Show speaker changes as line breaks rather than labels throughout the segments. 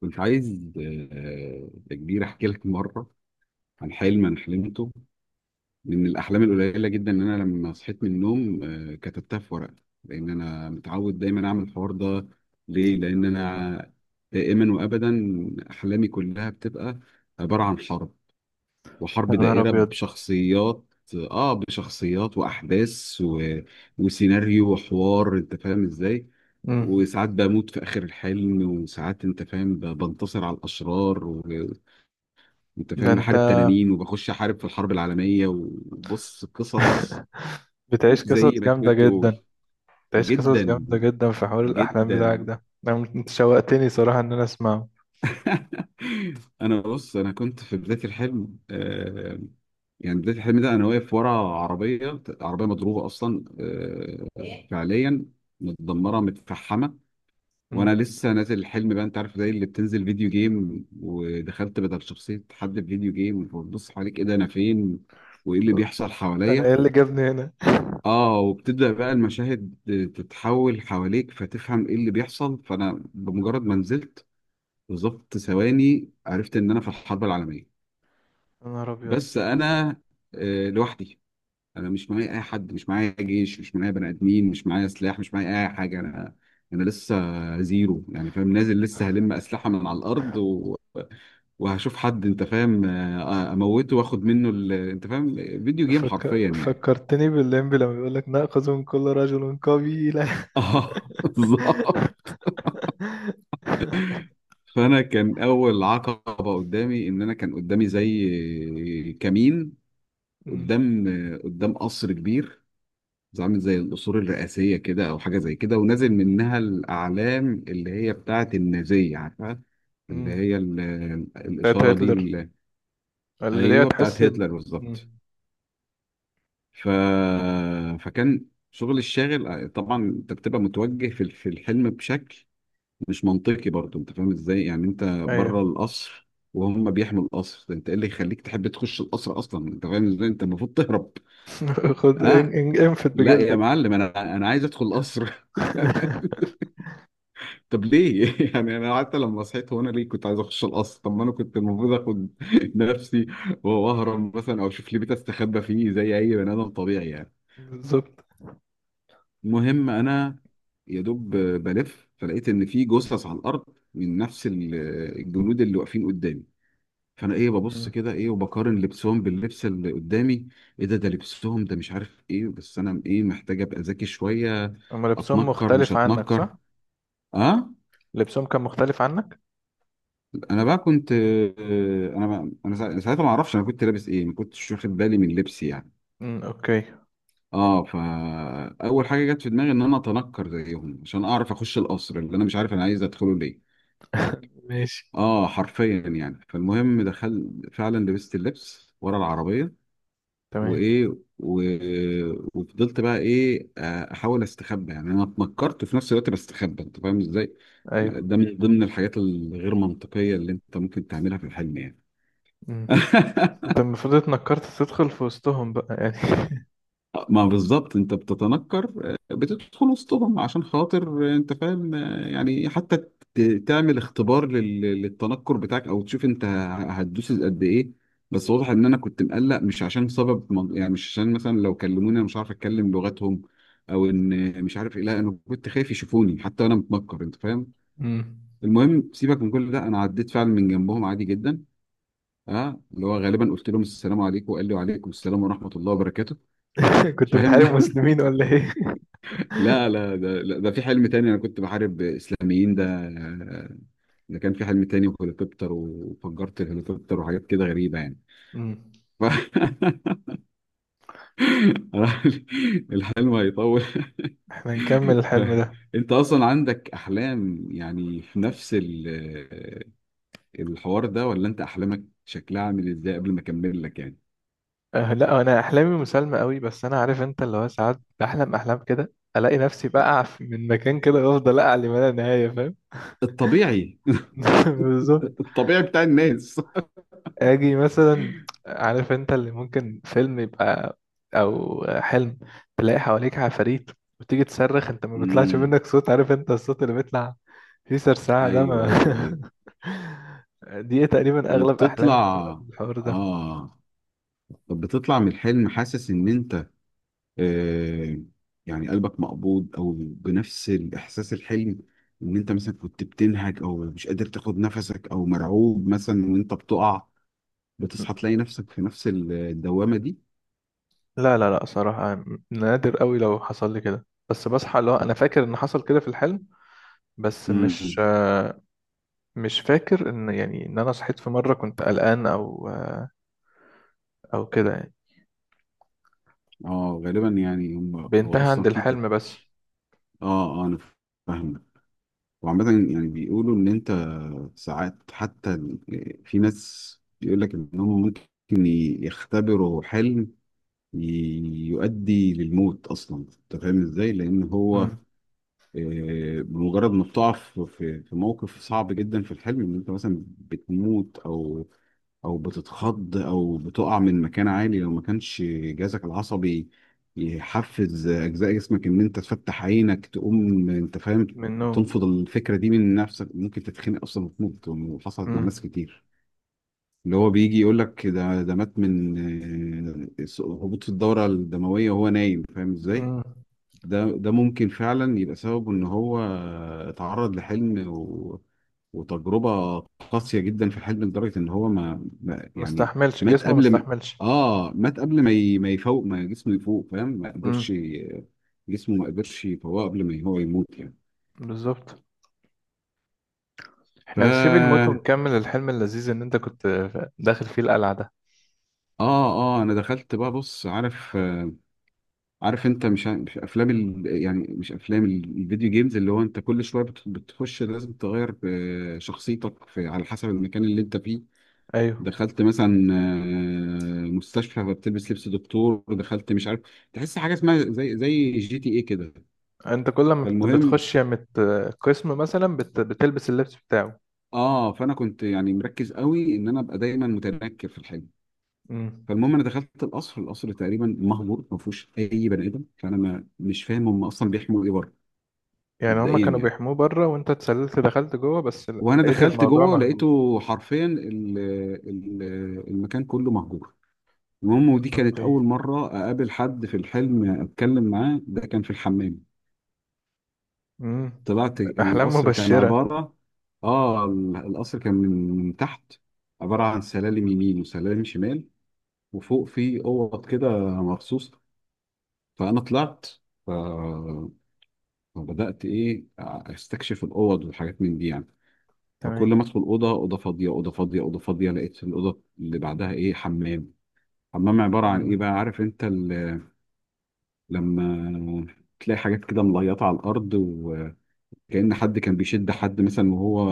كنت عايز يا كبير احكي لك مره عن حلم انا حلمته من الاحلام القليله جدا ان انا لما صحيت من النوم كتبتها في ورقه لان انا متعود دايما اعمل الحوار ده ليه لان انا دائما وابدا احلامي كلها بتبقى عباره عن حرب
يا
وحرب
نهار
دائرة
أبيض.
بشخصيات اه بشخصيات واحداث وسيناريو وحوار، انت فاهم ازاي؟
مم.
وساعات بموت في اخر الحلم، وساعات انت فاهم بنتصر على الاشرار وانت
ده
فاهم
أنت.
بحارب تنانين وبخش احارب في الحرب العالمية وبص قصص
بتعيش قصص
زي ما تقول
جامدة جدا.
تقول.
بتعيش قصص
جدا
جامدة جدا في حوار الأحلام بتاعك
جدا.
ده، أنا أنت شوقتني صراحة إن أنا أسمعه.
انا بص، انا كنت في بدايه الحلم، يعني بدايه الحلم ده انا واقف ورا عربيه، عربيه مضروبه اصلا، آه فعليا متدمره متفحمه. وانا
مم.
لسه نازل الحلم بقى، انت عارف زي اللي بتنزل فيديو جيم ودخلت بدل شخصيه حد في فيديو جيم وبتبص حواليك ايه ده انا فين وايه اللي بيحصل
أنا
حواليا.
إيه اللي جابني هنا.
اه وبتبدا بقى المشاهد تتحول حواليك فتفهم ايه اللي بيحصل. فانا بمجرد ما نزلت بالظبط ثواني عرفت ان انا في الحرب العالميه.
يا نهار أبيض.
بس انا لوحدي. انا مش معايا اي حد، مش معايا جيش، مش معايا بني ادمين، مش معايا سلاح، مش معايا اي حاجه. انا لسه زيرو يعني، فاهم، نازل لسه هلم اسلحه من على الارض وهشوف حد انت فاهم، اموته واخد منه انت فاهم، فيديو جيم حرفيا يعني.
فكرتني باللمبي لما بيقول لك نأخذ من كل رجل قبيلة.
اه بالظبط. فانا كان اول عقبه قدامي ان انا كان قدامي زي كمين،
مم.
قدام قدام قصر كبير، عامل زي القصور الرئاسية كده أو حاجة زي كده، ونازل منها الأعلام اللي هي بتاعة النازية، عارفها؟ اللي
مم.
هي
بتاعت
الإشارة دي
هتلر، اللي ليه
أيوه بتاعة
تحس
هتلر
ب-
بالظبط.
مم.
ف... فكان شغل الشاغل، طبعا أنت بتبقى متوجه في الحلم بشكل مش منطقي برضه، أنت فاهم إزاي؟ يعني أنت بره
أيوه.
القصر وهم بيحموا القصر، أنت إيه اللي يخليك تحب تخش القصر أصلا؟ أنت فاهم إزاي؟ أنت المفروض تهرب.
خد
أه
انفت
لا يا
بجلدك.
معلم، أنا عايز أدخل القصر. طب ليه؟ يعني انا حتى لما صحيت هو انا ليه كنت عايز اخش القصر؟ طب ما انا كنت المفروض اخد نفسي واهرب مثلا، او اشوف لي بيت استخبى فيه زي اي بني ادم طبيعي يعني.
بالظبط.
المهم انا يا دوب بلف فلقيت ان في جثث على الارض من نفس الجنود اللي واقفين قدامي. فانا ايه، ببص كده ايه وبقارن لبسهم باللبس اللي قدامي، ايه ده؟ ده لبسهم ده مش عارف ايه، بس انا ايه محتاج ابقى ذكي شويه،
هم لبسهم
اتنكر مش
مختلف عنك،
هتنكر.
صح؟
اه.
لبسهم كان مختلف عنك؟
انا بقى كنت انا بقى انا سا- ساعتها ما اعرفش انا كنت لابس ايه، ما كنتش واخد بالي من لبسي يعني.
امم، اوكي.
اه فاول حاجه جت في دماغي ان انا اتنكر زيهم عشان اعرف اخش القصر، اللي انا مش عارف انا عايز ادخله ليه.
ماشي.
اه حرفيا يعني. فالمهم دخل فعلا، لبست اللبس ورا العربيه
تمام.
وايه و... وفضلت بقى ايه احاول استخبى، يعني انا اتنكرت وفي نفس الوقت بستخبى، انت فاهم ازاي؟
ايوه.
ده من ضمن الحاجات الغير منطقيه اللي انت ممكن تعملها في الحلم يعني.
امم. انت المفروض اتنكرت تدخل في وسطهم بقى يعني.
ما بالظبط، انت بتتنكر بتدخل وسطهم عشان خاطر انت فاهم يعني، حتى تعمل اختبار للتنكر بتاعك، او تشوف انت هتدوس قد ايه. بس واضح ان انا كنت مقلق مش عشان سبب يعني مش عشان مثلا لو كلموني انا مش عارف اتكلم لغتهم، او ان مش عارف ايه، لا انا كنت خايف يشوفوني حتى انا متنكر، انت فاهم.
امم.
المهم سيبك من كل ده، انا عديت فعلا من جنبهم عادي جدا. اه اللي هو غالبا قلت لهم السلام عليكم، وقال لي وعليكم السلام ورحمه الله وبركاته.
كنت
فاهم.
بتحارب مسلمين ولا ايه؟
لا لا، ده لا، ده في حلم تاني انا كنت بحارب اسلاميين، ده ده كان في حلم تاني، وهليكوبتر وفجرت الهليكوبتر وحاجات كده غريبة يعني.
امم.
ف... الحلم هيطول.
احنا نكمل الحلم ده.
انت اصلا عندك احلام يعني في نفس الحوار ده، ولا انت احلامك شكلها عامل ازاي قبل ما اكمل لك يعني؟
أه لا، انا احلامي مسالمه قوي، بس انا عارف انت اللي هو ساعات بحلم احلام كده، الاقي نفسي بقع من مكان كده وافضل اقع لما لا نهايه، فاهم؟
الطبيعي.
بالظبط.
الطبيعي بتاع الناس.
اجي مثلا، عارف انت اللي ممكن فيلم يبقى او حلم، تلاقي حواليك عفاريت وتيجي تصرخ، انت ما بيطلعش
امم.
منك صوت، عارف انت الصوت اللي بيطلع فيه سرسعة ده، ما
ايوه ايوه ايوه.
دي تقريبا اغلب
وبتطلع.
احلامي بتبقى بالحوار ده.
اه. طب بتطلع من الحلم حاسس ان آه، يعني قلبك مقبوض، او بنفس الاحساس الحلم، ان انت مثلا كنت بتنهج او مش قادر تاخد نفسك او مرعوب مثلا وانت بتقع، بتصحى تلاقي نفسك في نفس الدوامة دي؟
لا لا لا، صراحة نادر قوي لو حصل لي كده، بس بصحى اللي هو انا فاكر ان حصل كده في الحلم، بس
امم.
مش فاكر ان يعني ان انا صحيت في مرة كنت قلقان او او كده يعني.
اه غالبا يعني هم هو
بينتهي عند
اصلا في
الحلم بس.
اه انا فاهم. وعامة يعني بيقولوا ان انت ساعات حتى، في ناس بيقول لك انهم ممكن يختبروا حلم يؤدي للموت اصلا، انت فاهم ازاي؟ لان هو بمجرد ما بتقع في موقف صعب جدا في الحلم، ان انت مثلا بتموت، او او بتتخض، او بتقع من مكان عالي، لو ما كانش جهازك العصبي يحفز اجزاء جسمك ان انت تفتح عينك تقوم، انت فاهم،
من النوم.
تنفض الفكره دي من نفسك، ممكن تتخنق اصلا وتموت. وحصلت مع ناس
امم.
كتير، اللي هو بيجي يقول لك ده مات من هبوط في الدورة الدموية وهو نايم، فاهم ازاي؟
امم.
ده ممكن فعلا يبقى سببه ان هو اتعرض لحلم وتجربة قاسية جدا في الحلم، لدرجة ان هو ما يعني
مستحملش،
مات
جسمه
قبل ما،
مستحملش.
اه مات قبل ما ما يفوق، ما جسمه يفوق، فاهم؟ ما قدرش
امم.
جسمه ما قدرش يفوقه قبل ما هو يموت يعني.
بالظبط.
ف
احنا نسيب الموت ونكمل الحلم اللذيذ ان انت كنت داخل فيه القلعة ده.
اه انا دخلت بقى، بص عارف، عارف انت مش مش افلام يعني مش افلام الفيديو جيمز، اللي هو انت كل شويه بتخش لازم تغير شخصيتك على حسب المكان اللي انت فيه.
ايوه،
دخلت مثلا مستشفى فبتلبس لبس دكتور، دخلت مش عارف، تحس حاجه اسمها زي جي تي ايه كده.
انت كل ما
فالمهم
بتخش يا مت قسم مثلا بتلبس اللبس بتاعه.
اه فانا كنت يعني مركز قوي ان انا ابقى دايما متنكر في الحاجه.
امم.
فالمهم انا دخلت القصر، القصر تقريبا مهجور ما فيهوش اي بني ادم، فانا ما مش فاهم هم اصلا بيحموا ايه بره.
يعني هما
مبدئيا
كانوا
يعني.
بيحموه بره وانت اتسللت دخلت جوه بس.
وانا
لقيت
دخلت
الموضوع
جوه
مهجور.
لقيته حرفيا ال- المكان كله مهجور. المهم ودي كانت
اوكي.
اول مره اقابل حد في الحلم اتكلم معاه، ده كان في الحمام.
امم.
طلعت
احلام
القصر كان
مبشرة.
عباره، اه القصر كان من من تحت عباره عن سلالم يمين وسلالم شمال، وفوق في اوض كده مخصوص. فانا طلعت ف- فبدات ايه استكشف الاوض والحاجات من دي يعني. فكل ما
تمام.
ادخل اوضه، اوضه فاضيه، اوضه فاضيه، اوضه فاضيه، لقيت الاوضه اللي بعدها ايه حمام. حمام عباره عن ايه بقى،
امم.
عارف انت لما تلاقي حاجات كده مليطه على الارض، وكأن حد كان بيشد حد مثلا وهو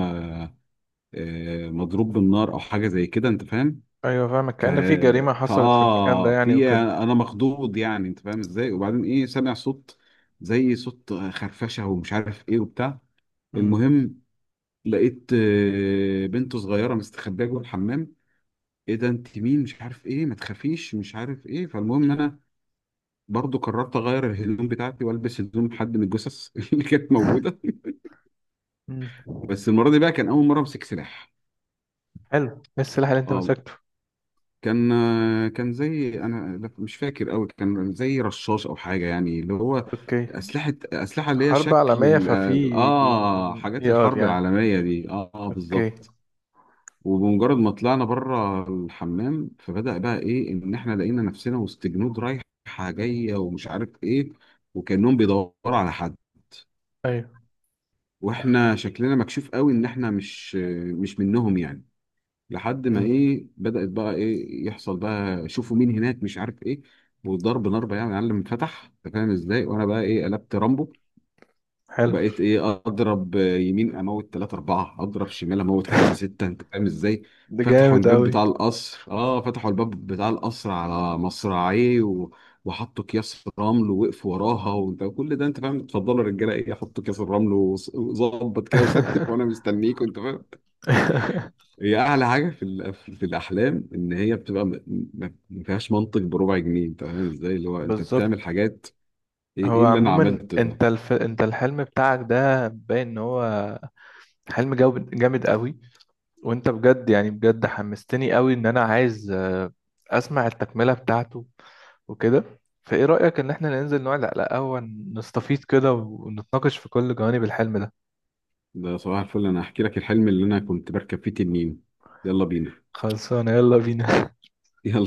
مضروب بالنار او حاجه زي كده، انت فاهم.
ايوه فاهمك،
ف...
كأن في جريمة حصلت في المكان ده
فاه،
يعني
في
وكده.
انا مخضوض يعني انت فاهم ازاي، وبعدين ايه سامع صوت زي صوت خرفشه ومش عارف ايه وبتاع.
امم.
المهم لقيت بنت صغيره مستخبيه جوه الحمام، ايه ده انت مين مش عارف ايه، ما تخافيش مش عارف ايه. فالمهم إن انا برضو قررت اغير الهدوم بتاعتي والبس هدوم حد من الجثث اللي كانت موجوده.
امم.
بس المره دي بقى كان اول مره امسك سلاح.
حلو، ايه السلاح اللي انت
اه
مسكته؟
كان، كان زي انا لا، مش فاكر قوي، كان زي رشاش او حاجه يعني، اللي هو
اوكي.
اسلحه اللي هي
حرب
شكل
عالمية، ففي
اه حاجات
AR
الحرب
يعني.
العالميه دي، آه
اوكي.
بالظبط. وبمجرد ما طلعنا بره الحمام، فبدأ بقى ايه ان احنا لقينا نفسنا وسط جنود رايحه جايه ومش عارف ايه، وكأنهم بيدوروا على حد.
ايوه.
واحنا شكلنا مكشوف قوي ان احنا مش منهم يعني. لحد ما
امم.
ايه بدأت بقى ايه يحصل بقى، شوفوا مين هناك مش عارف ايه، وضرب نار بقى يعني يا معلم، فتح انت فاهم ازاي، وانا بقى ايه قلبت رامبو.
حلو.
وبقيت ايه اضرب يمين اموت 3 4، اضرب شمال اموت 5 6، انت فاهم ازاي.
ده
فتحوا
جامد
الباب
اوي.
بتاع القصر، اه فتحوا الباب بتاع القصر على مصراعيه وحطوا اكياس رمل ووقفوا وراها، وانت كل ده انت فاهم، اتفضلوا يا رجاله ايه، حطوا اكياس الرمل وظبط كده وستف وانا مستنيك، وانت فاهم. هي اعلى حاجه في الاحلام ان هي بتبقى ما فيهاش منطق بربع جنيه، انت فاهم ازاي، اللي هو انت بتعمل
بالظبط.
حاجات ايه،
هو
إيه اللي انا
عموما
عملته ده.
انت انت الحلم بتاعك ده باين ان هو حلم جامد قوي، وانت بجد يعني بجد حمستني قوي ان انا عايز اسمع التكملة بتاعته وكده. فايه رأيك ان احنا ننزل نقعد على قهوة، نستفيض كده ونتناقش في كل جوانب الحلم ده؟
ده صباح الفل، انا هحكي لك الحلم اللي انا كنت بركب فيه تنين. يلا بينا.
خلصانة، يلا بينا.
يلا.